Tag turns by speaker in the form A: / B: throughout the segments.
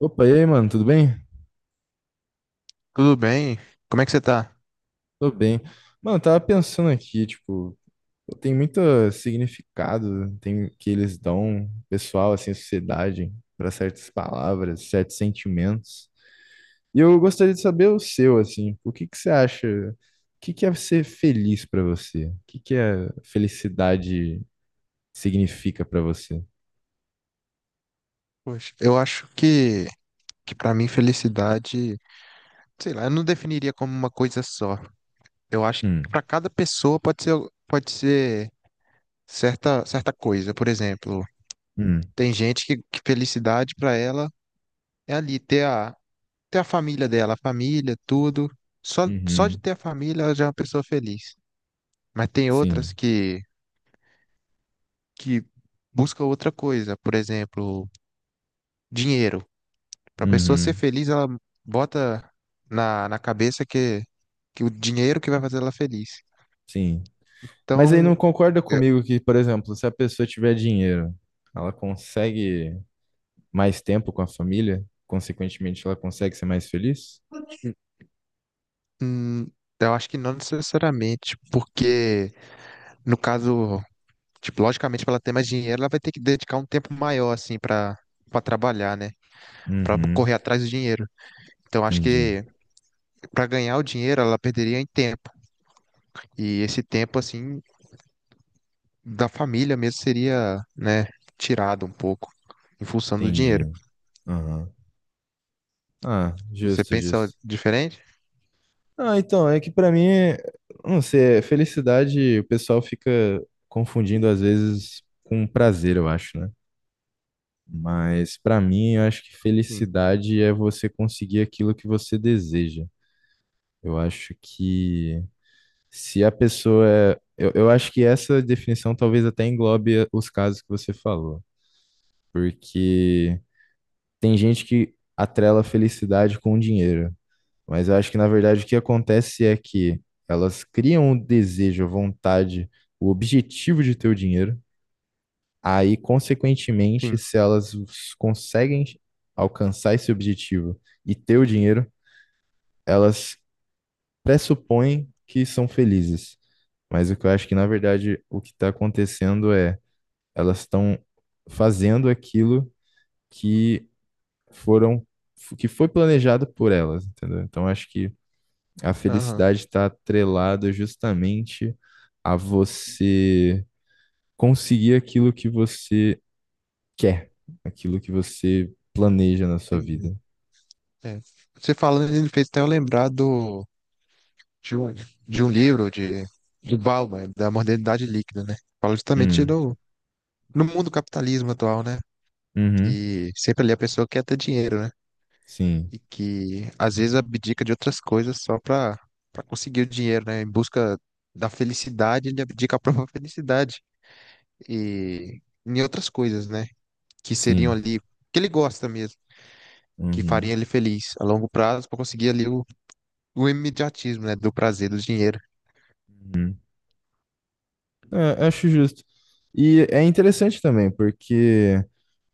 A: Opa, e aí, mano, tudo bem?
B: Tudo bem? Como é que você tá?
A: Tô bem. Mano, eu tava pensando aqui, tipo, pô, tem muito significado, tem que eles dão, pessoal, assim, sociedade, pra certas palavras, certos sentimentos. E eu gostaria de saber o seu, assim, o que que você acha, o que que é ser feliz pra você? O que que a felicidade significa pra você?
B: Poxa, eu acho que para mim felicidade, sei lá, eu não definiria como uma coisa só. Eu acho que
A: Hum.
B: para cada pessoa pode ser certa coisa. Por exemplo,
A: Hum.
B: tem gente que felicidade para ela é ali ter a família dela, a família, tudo. Só de
A: Uhum.
B: ter a família ela já é uma pessoa feliz. Mas tem outras
A: Sim.
B: que busca outra coisa. Por exemplo, dinheiro. Para a pessoa ser
A: Uhum.
B: feliz, ela bota na cabeça que o dinheiro que vai fazer ela feliz.
A: Sim. Mas aí não
B: Então,
A: concorda
B: eu,
A: comigo que, por exemplo, se a pessoa tiver dinheiro, ela consegue mais tempo com a família, consequentemente ela consegue ser mais feliz?
B: hum, eu acho que não necessariamente, porque no caso, tipo, logicamente, para ela ter mais dinheiro, ela vai ter que dedicar um tempo maior, assim, para trabalhar, né? Para
A: Uhum.
B: correr atrás do dinheiro. Então, acho
A: Entendi.
B: que para ganhar o dinheiro, ela perderia em tempo. E esse tempo, assim, da família mesmo seria, né, tirado um pouco em função do dinheiro.
A: Entendi. Aham. Ah,
B: Você
A: justo,
B: pensa
A: justo.
B: diferente?
A: Ah, então, é que pra mim, não sei, é felicidade, o pessoal fica confundindo às vezes com prazer, eu acho, né? Mas pra mim, eu acho que
B: Sim.
A: felicidade é você conseguir aquilo que você deseja. Eu acho que se a pessoa é. Eu acho que essa definição talvez até englobe os casos que você falou, porque tem gente que atrela a felicidade com o dinheiro, mas eu acho que na verdade o que acontece é que elas criam o desejo, a vontade, o objetivo de ter o dinheiro, aí, consequentemente,
B: Sim,
A: se elas conseguem alcançar esse objetivo e ter o dinheiro, elas pressupõem que são felizes. Mas o que eu acho que, na verdade, o que está acontecendo é elas estão fazendo aquilo que foram, que foi planejado por elas, entendeu? Então, acho que a
B: aham,
A: felicidade está atrelada justamente a você conseguir aquilo que você quer, aquilo que você planeja na sua
B: entendi.
A: vida.
B: É. Você falando, ele fez até eu lembrar de, um, de um livro de Bauman, da modernidade líquida, né? Fala justamente
A: Hum.
B: do no mundo do capitalismo atual, né?
A: Uhum.
B: Que sempre ali a pessoa quer ter dinheiro, né?
A: Sim.
B: E que às vezes abdica de outras coisas só pra conseguir o dinheiro, né? Em busca da felicidade, ele abdica a própria felicidade e em outras coisas, né? Que seriam
A: Sim.
B: ali, que ele gosta mesmo, que faria
A: Uhum.
B: ele feliz a longo prazo pra conseguir ali o O imediatismo, né? Do prazer, do dinheiro.
A: Uhum. É, acho justo. E é interessante também, porque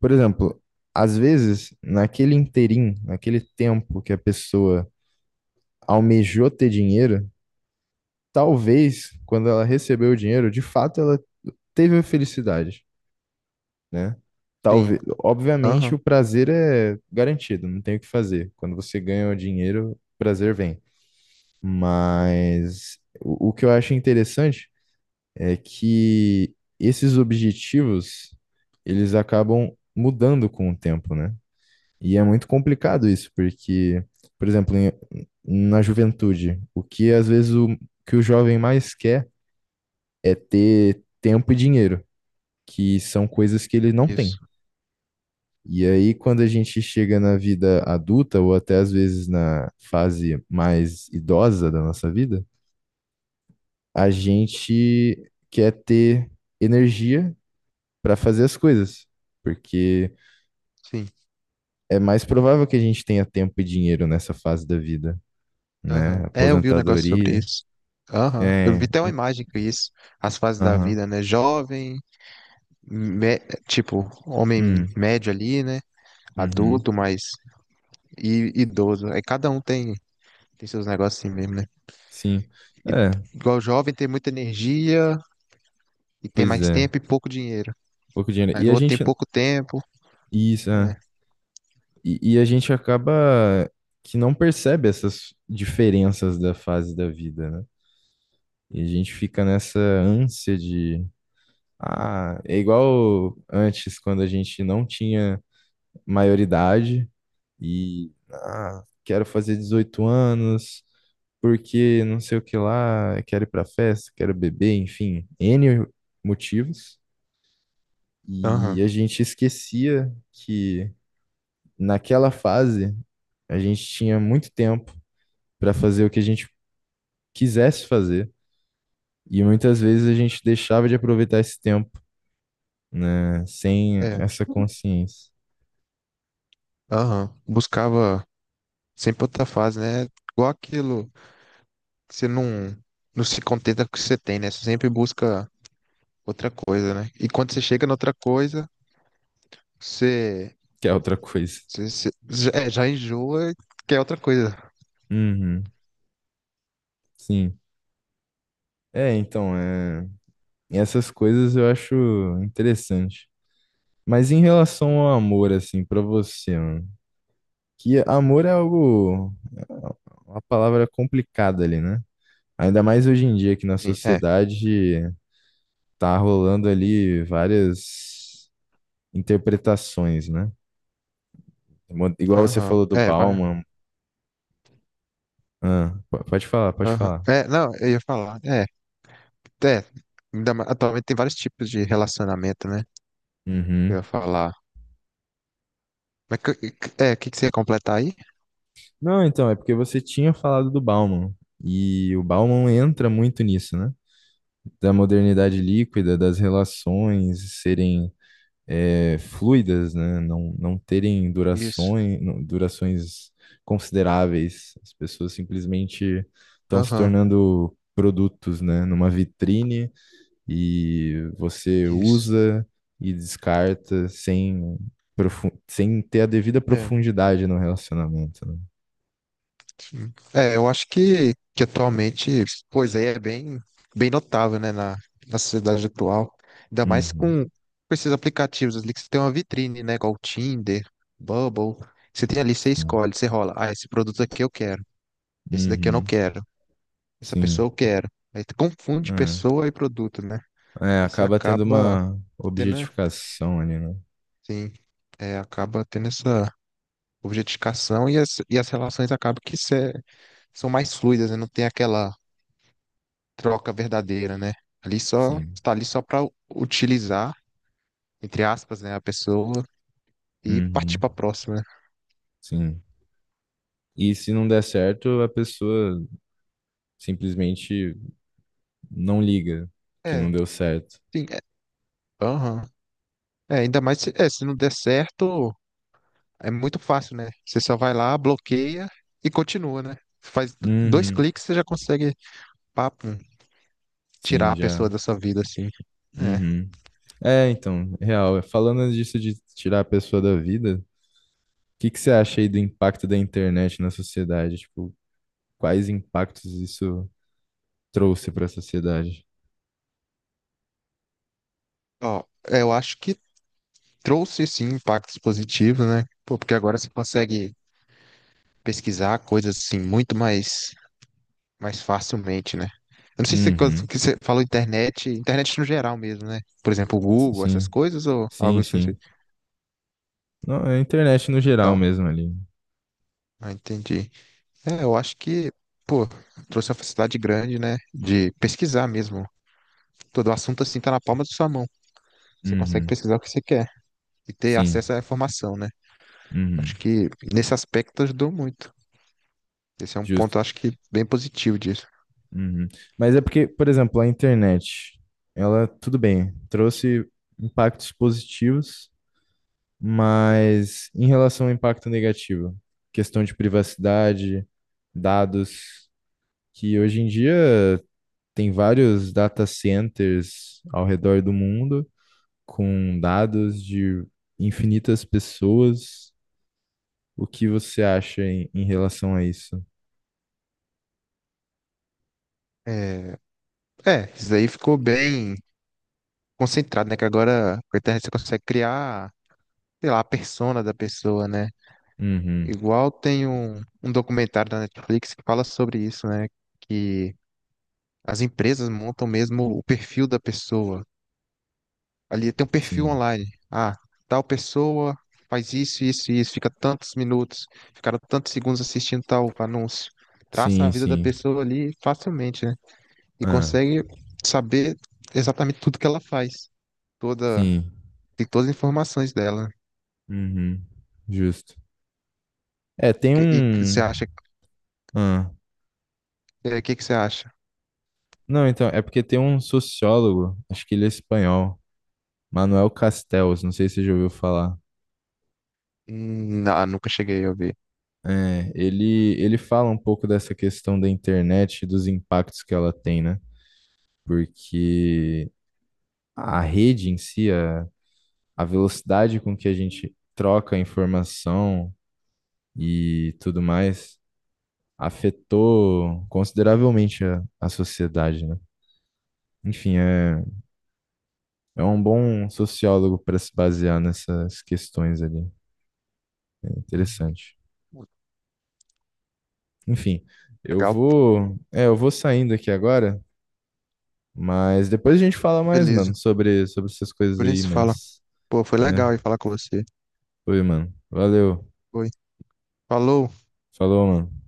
A: por exemplo, às vezes, naquele interim, naquele tempo que a pessoa almejou ter dinheiro, talvez quando ela recebeu o dinheiro, de fato ela teve a felicidade, né?
B: Sim.
A: Talvez, obviamente
B: Aham.
A: o prazer é garantido, não tem o que fazer. Quando você ganha o dinheiro, o prazer vem. Mas o que eu acho interessante é que esses objetivos, eles acabam mudando com o tempo, né? E é muito complicado isso, porque, por exemplo, na juventude, o que às vezes o que o jovem mais quer é ter tempo e dinheiro, que são coisas que ele não tem.
B: Isso.
A: E aí, quando a gente chega na vida adulta, ou até às vezes na fase mais idosa da nossa vida, a gente quer ter energia para fazer as coisas, porque
B: Sim.
A: é mais provável que a gente tenha tempo e dinheiro nessa fase da vida,
B: Aham.
A: né?
B: É, eu vi um negócio sobre
A: Aposentadoria.
B: isso. Aham. Eu vi
A: É,
B: até uma imagem com isso. As fases da
A: aham.
B: vida, né? Jovem, me- tipo, homem
A: Hum.
B: médio ali, né?
A: Uhum.
B: Adulto, mas e idoso. Aí cada um tem seus negócios assim mesmo, né?
A: Sim.
B: E-
A: É,
B: igual jovem tem muita energia e tem
A: pois
B: mais
A: é.
B: tempo e pouco dinheiro.
A: Pouco dinheiro.
B: Aí
A: E
B: no
A: a
B: outro tem
A: gente.
B: pouco tempo.
A: Isso, é. E a gente acaba que não percebe essas diferenças da fase da vida, né? E a gente fica nessa ânsia de. Ah, é igual antes, quando a gente não tinha maioridade e ah, quero fazer 18 anos, porque não sei o que lá, quero ir pra festa, quero beber, enfim, N motivos. E
B: Aham.
A: a gente esquecia que naquela fase a gente tinha muito tempo para fazer o que a gente quisesse fazer. E muitas vezes a gente deixava de aproveitar esse tempo, né, sem
B: É.
A: essa consciência.
B: Aham. Buscava sempre outra fase, né? Igual aquilo. Você não, não se contenta com o que você tem, né? Você sempre busca outra coisa, né? E quando você chega na outra coisa, você,
A: Que é outra coisa.
B: você- já, é, já enjoa e quer outra coisa.
A: Uhum, sim. É, então, é... essas coisas eu acho interessante. Mas em relação ao amor, assim, pra você, mano, que amor é algo, é uma palavra complicada ali, né? Ainda mais hoje em dia que na
B: Sim, é.
A: sociedade tá rolando ali várias interpretações, né? Igual você
B: Aham.
A: falou do
B: É, vai.
A: Bauman. Ah, pode falar, pode
B: Aham.
A: falar.
B: É, não, eu ia falar. É. Atualmente tem vários tipos de relacionamento, né? Eu
A: Uhum.
B: ia falar. Mas É, que você ia completar aí?
A: Não, então, é porque você tinha falado do Bauman, e o Bauman entra muito nisso, né? Da modernidade líquida, das relações serem fluidas, né? Não, não terem
B: Isso.
A: durações, durações consideráveis. As pessoas simplesmente estão se
B: Aham,
A: tornando produtos, né? Numa vitrine, e você
B: isso.
A: usa e descarta sem ter a devida
B: É.
A: profundidade no relacionamento, né?
B: É, eu acho que atualmente, pois é, é bem notável, né, na sociedade atual. Ainda mais
A: Uhum,
B: com esses aplicativos ali que você tem uma vitrine, né, igual o Tinder, Bubble. Você tem ali, você
A: sim.
B: escolhe, você rola. Ah, esse produto aqui eu quero, esse daqui eu não
A: Uhum,
B: quero, essa pessoa
A: sim.
B: eu quero. Aí tu confunde
A: É,
B: pessoa e produto, né?
A: é,
B: Aí você
A: acaba tendo
B: acaba
A: uma
B: tendo, né,
A: objetificação ali, né?
B: sim, é, acaba tendo essa objetificação e as relações acabam que cê- são mais fluidas, né? Não tem aquela troca verdadeira, né? Ali só
A: Sim.
B: está ali só para utilizar, entre aspas, né, a pessoa e partir
A: Uhum,
B: para a próxima, né?
A: sim. E se não der certo, a pessoa simplesmente não liga que
B: É,
A: não deu certo.
B: sim, é, aham. É, ainda mais se, é, se não der certo, é muito fácil, né? Você só vai lá, bloqueia e continua, né? Faz dois
A: Uhum,
B: cliques, você já consegue, papo, tirar
A: sim,
B: a
A: já.
B: pessoa da sua vida, assim. É.
A: Uhum. É, então, real. Falando disso de tirar a pessoa da vida, o que que você acha aí do impacto da internet na sociedade? Tipo, quais impactos isso trouxe para a sociedade?
B: Ó, eu acho que trouxe sim impactos positivos, né? Pô, porque agora você consegue pesquisar coisas assim muito mais mais facilmente, né? Eu não sei se quando
A: Uhum.
B: que você falou internet no geral mesmo, né? Por exemplo, o Google, essas
A: Sim,
B: coisas ou
A: sim,
B: algo específico.
A: sim. Não, é a internet no geral
B: Então,
A: mesmo ali.
B: ah, entendi. É, eu acho que, pô, trouxe uma facilidade grande, né? De pesquisar mesmo. Todo o assunto assim tá na palma da sua mão. Você consegue
A: Uhum.
B: pesquisar o que você quer e ter
A: Sim.
B: acesso à informação, né? Acho
A: Uhum.
B: que nesse aspecto ajudou muito. Esse é um
A: Justo.
B: ponto, acho que, bem positivo disso.
A: Uhum. Mas é porque, por exemplo, a internet, ela, tudo bem, trouxe impactos positivos, mas em relação ao impacto negativo, questão de privacidade, dados, que hoje em dia tem vários data centers ao redor do mundo, com dados de infinitas pessoas. O que você acha em relação a isso?
B: É, é, isso aí ficou bem concentrado, né? Que agora com a internet você consegue criar sei lá, a persona da pessoa, né?
A: Uhum,
B: Igual tem um documentário da Netflix que fala sobre isso, né? Que as empresas montam mesmo o perfil da pessoa. Ali tem um perfil
A: sim.
B: online. Ah, tal pessoa faz isso, isso, isso, fica tantos minutos, ficaram tantos segundos assistindo tal anúncio. Traça a
A: Sim,
B: vida da
A: sim.
B: pessoa ali facilmente, né? E
A: Ah,
B: consegue saber exatamente tudo que ela faz. Toda,
A: sim.
B: tem todas as informações dela. Né?
A: Uhum, justo. É, tem
B: Que- E, que você
A: um.
B: acha,
A: Ah,
B: é, o que que você acha?
A: não, então, é porque tem um sociólogo, acho que ele é espanhol, Manuel Castells, não sei se você já ouviu falar.
B: Não, nunca cheguei a ouvir.
A: É, ele fala um pouco dessa questão da internet e dos impactos que ela tem, né? Porque a rede em si, a velocidade com que a gente troca informação e tudo mais afetou consideravelmente a sociedade, né? Enfim, é um bom sociólogo para se basear nessas questões ali. É
B: Uhum.
A: interessante. Enfim, eu
B: Legal,
A: vou, é, eu vou saindo aqui agora, mas depois a gente fala mais, mano,
B: beleza.
A: sobre essas coisas
B: Por
A: aí,
B: isso fala.
A: mas
B: Pô, foi
A: é,
B: legal ir falar com você.
A: foi, mano. Valeu.
B: Foi. Falou.
A: Falou, mano.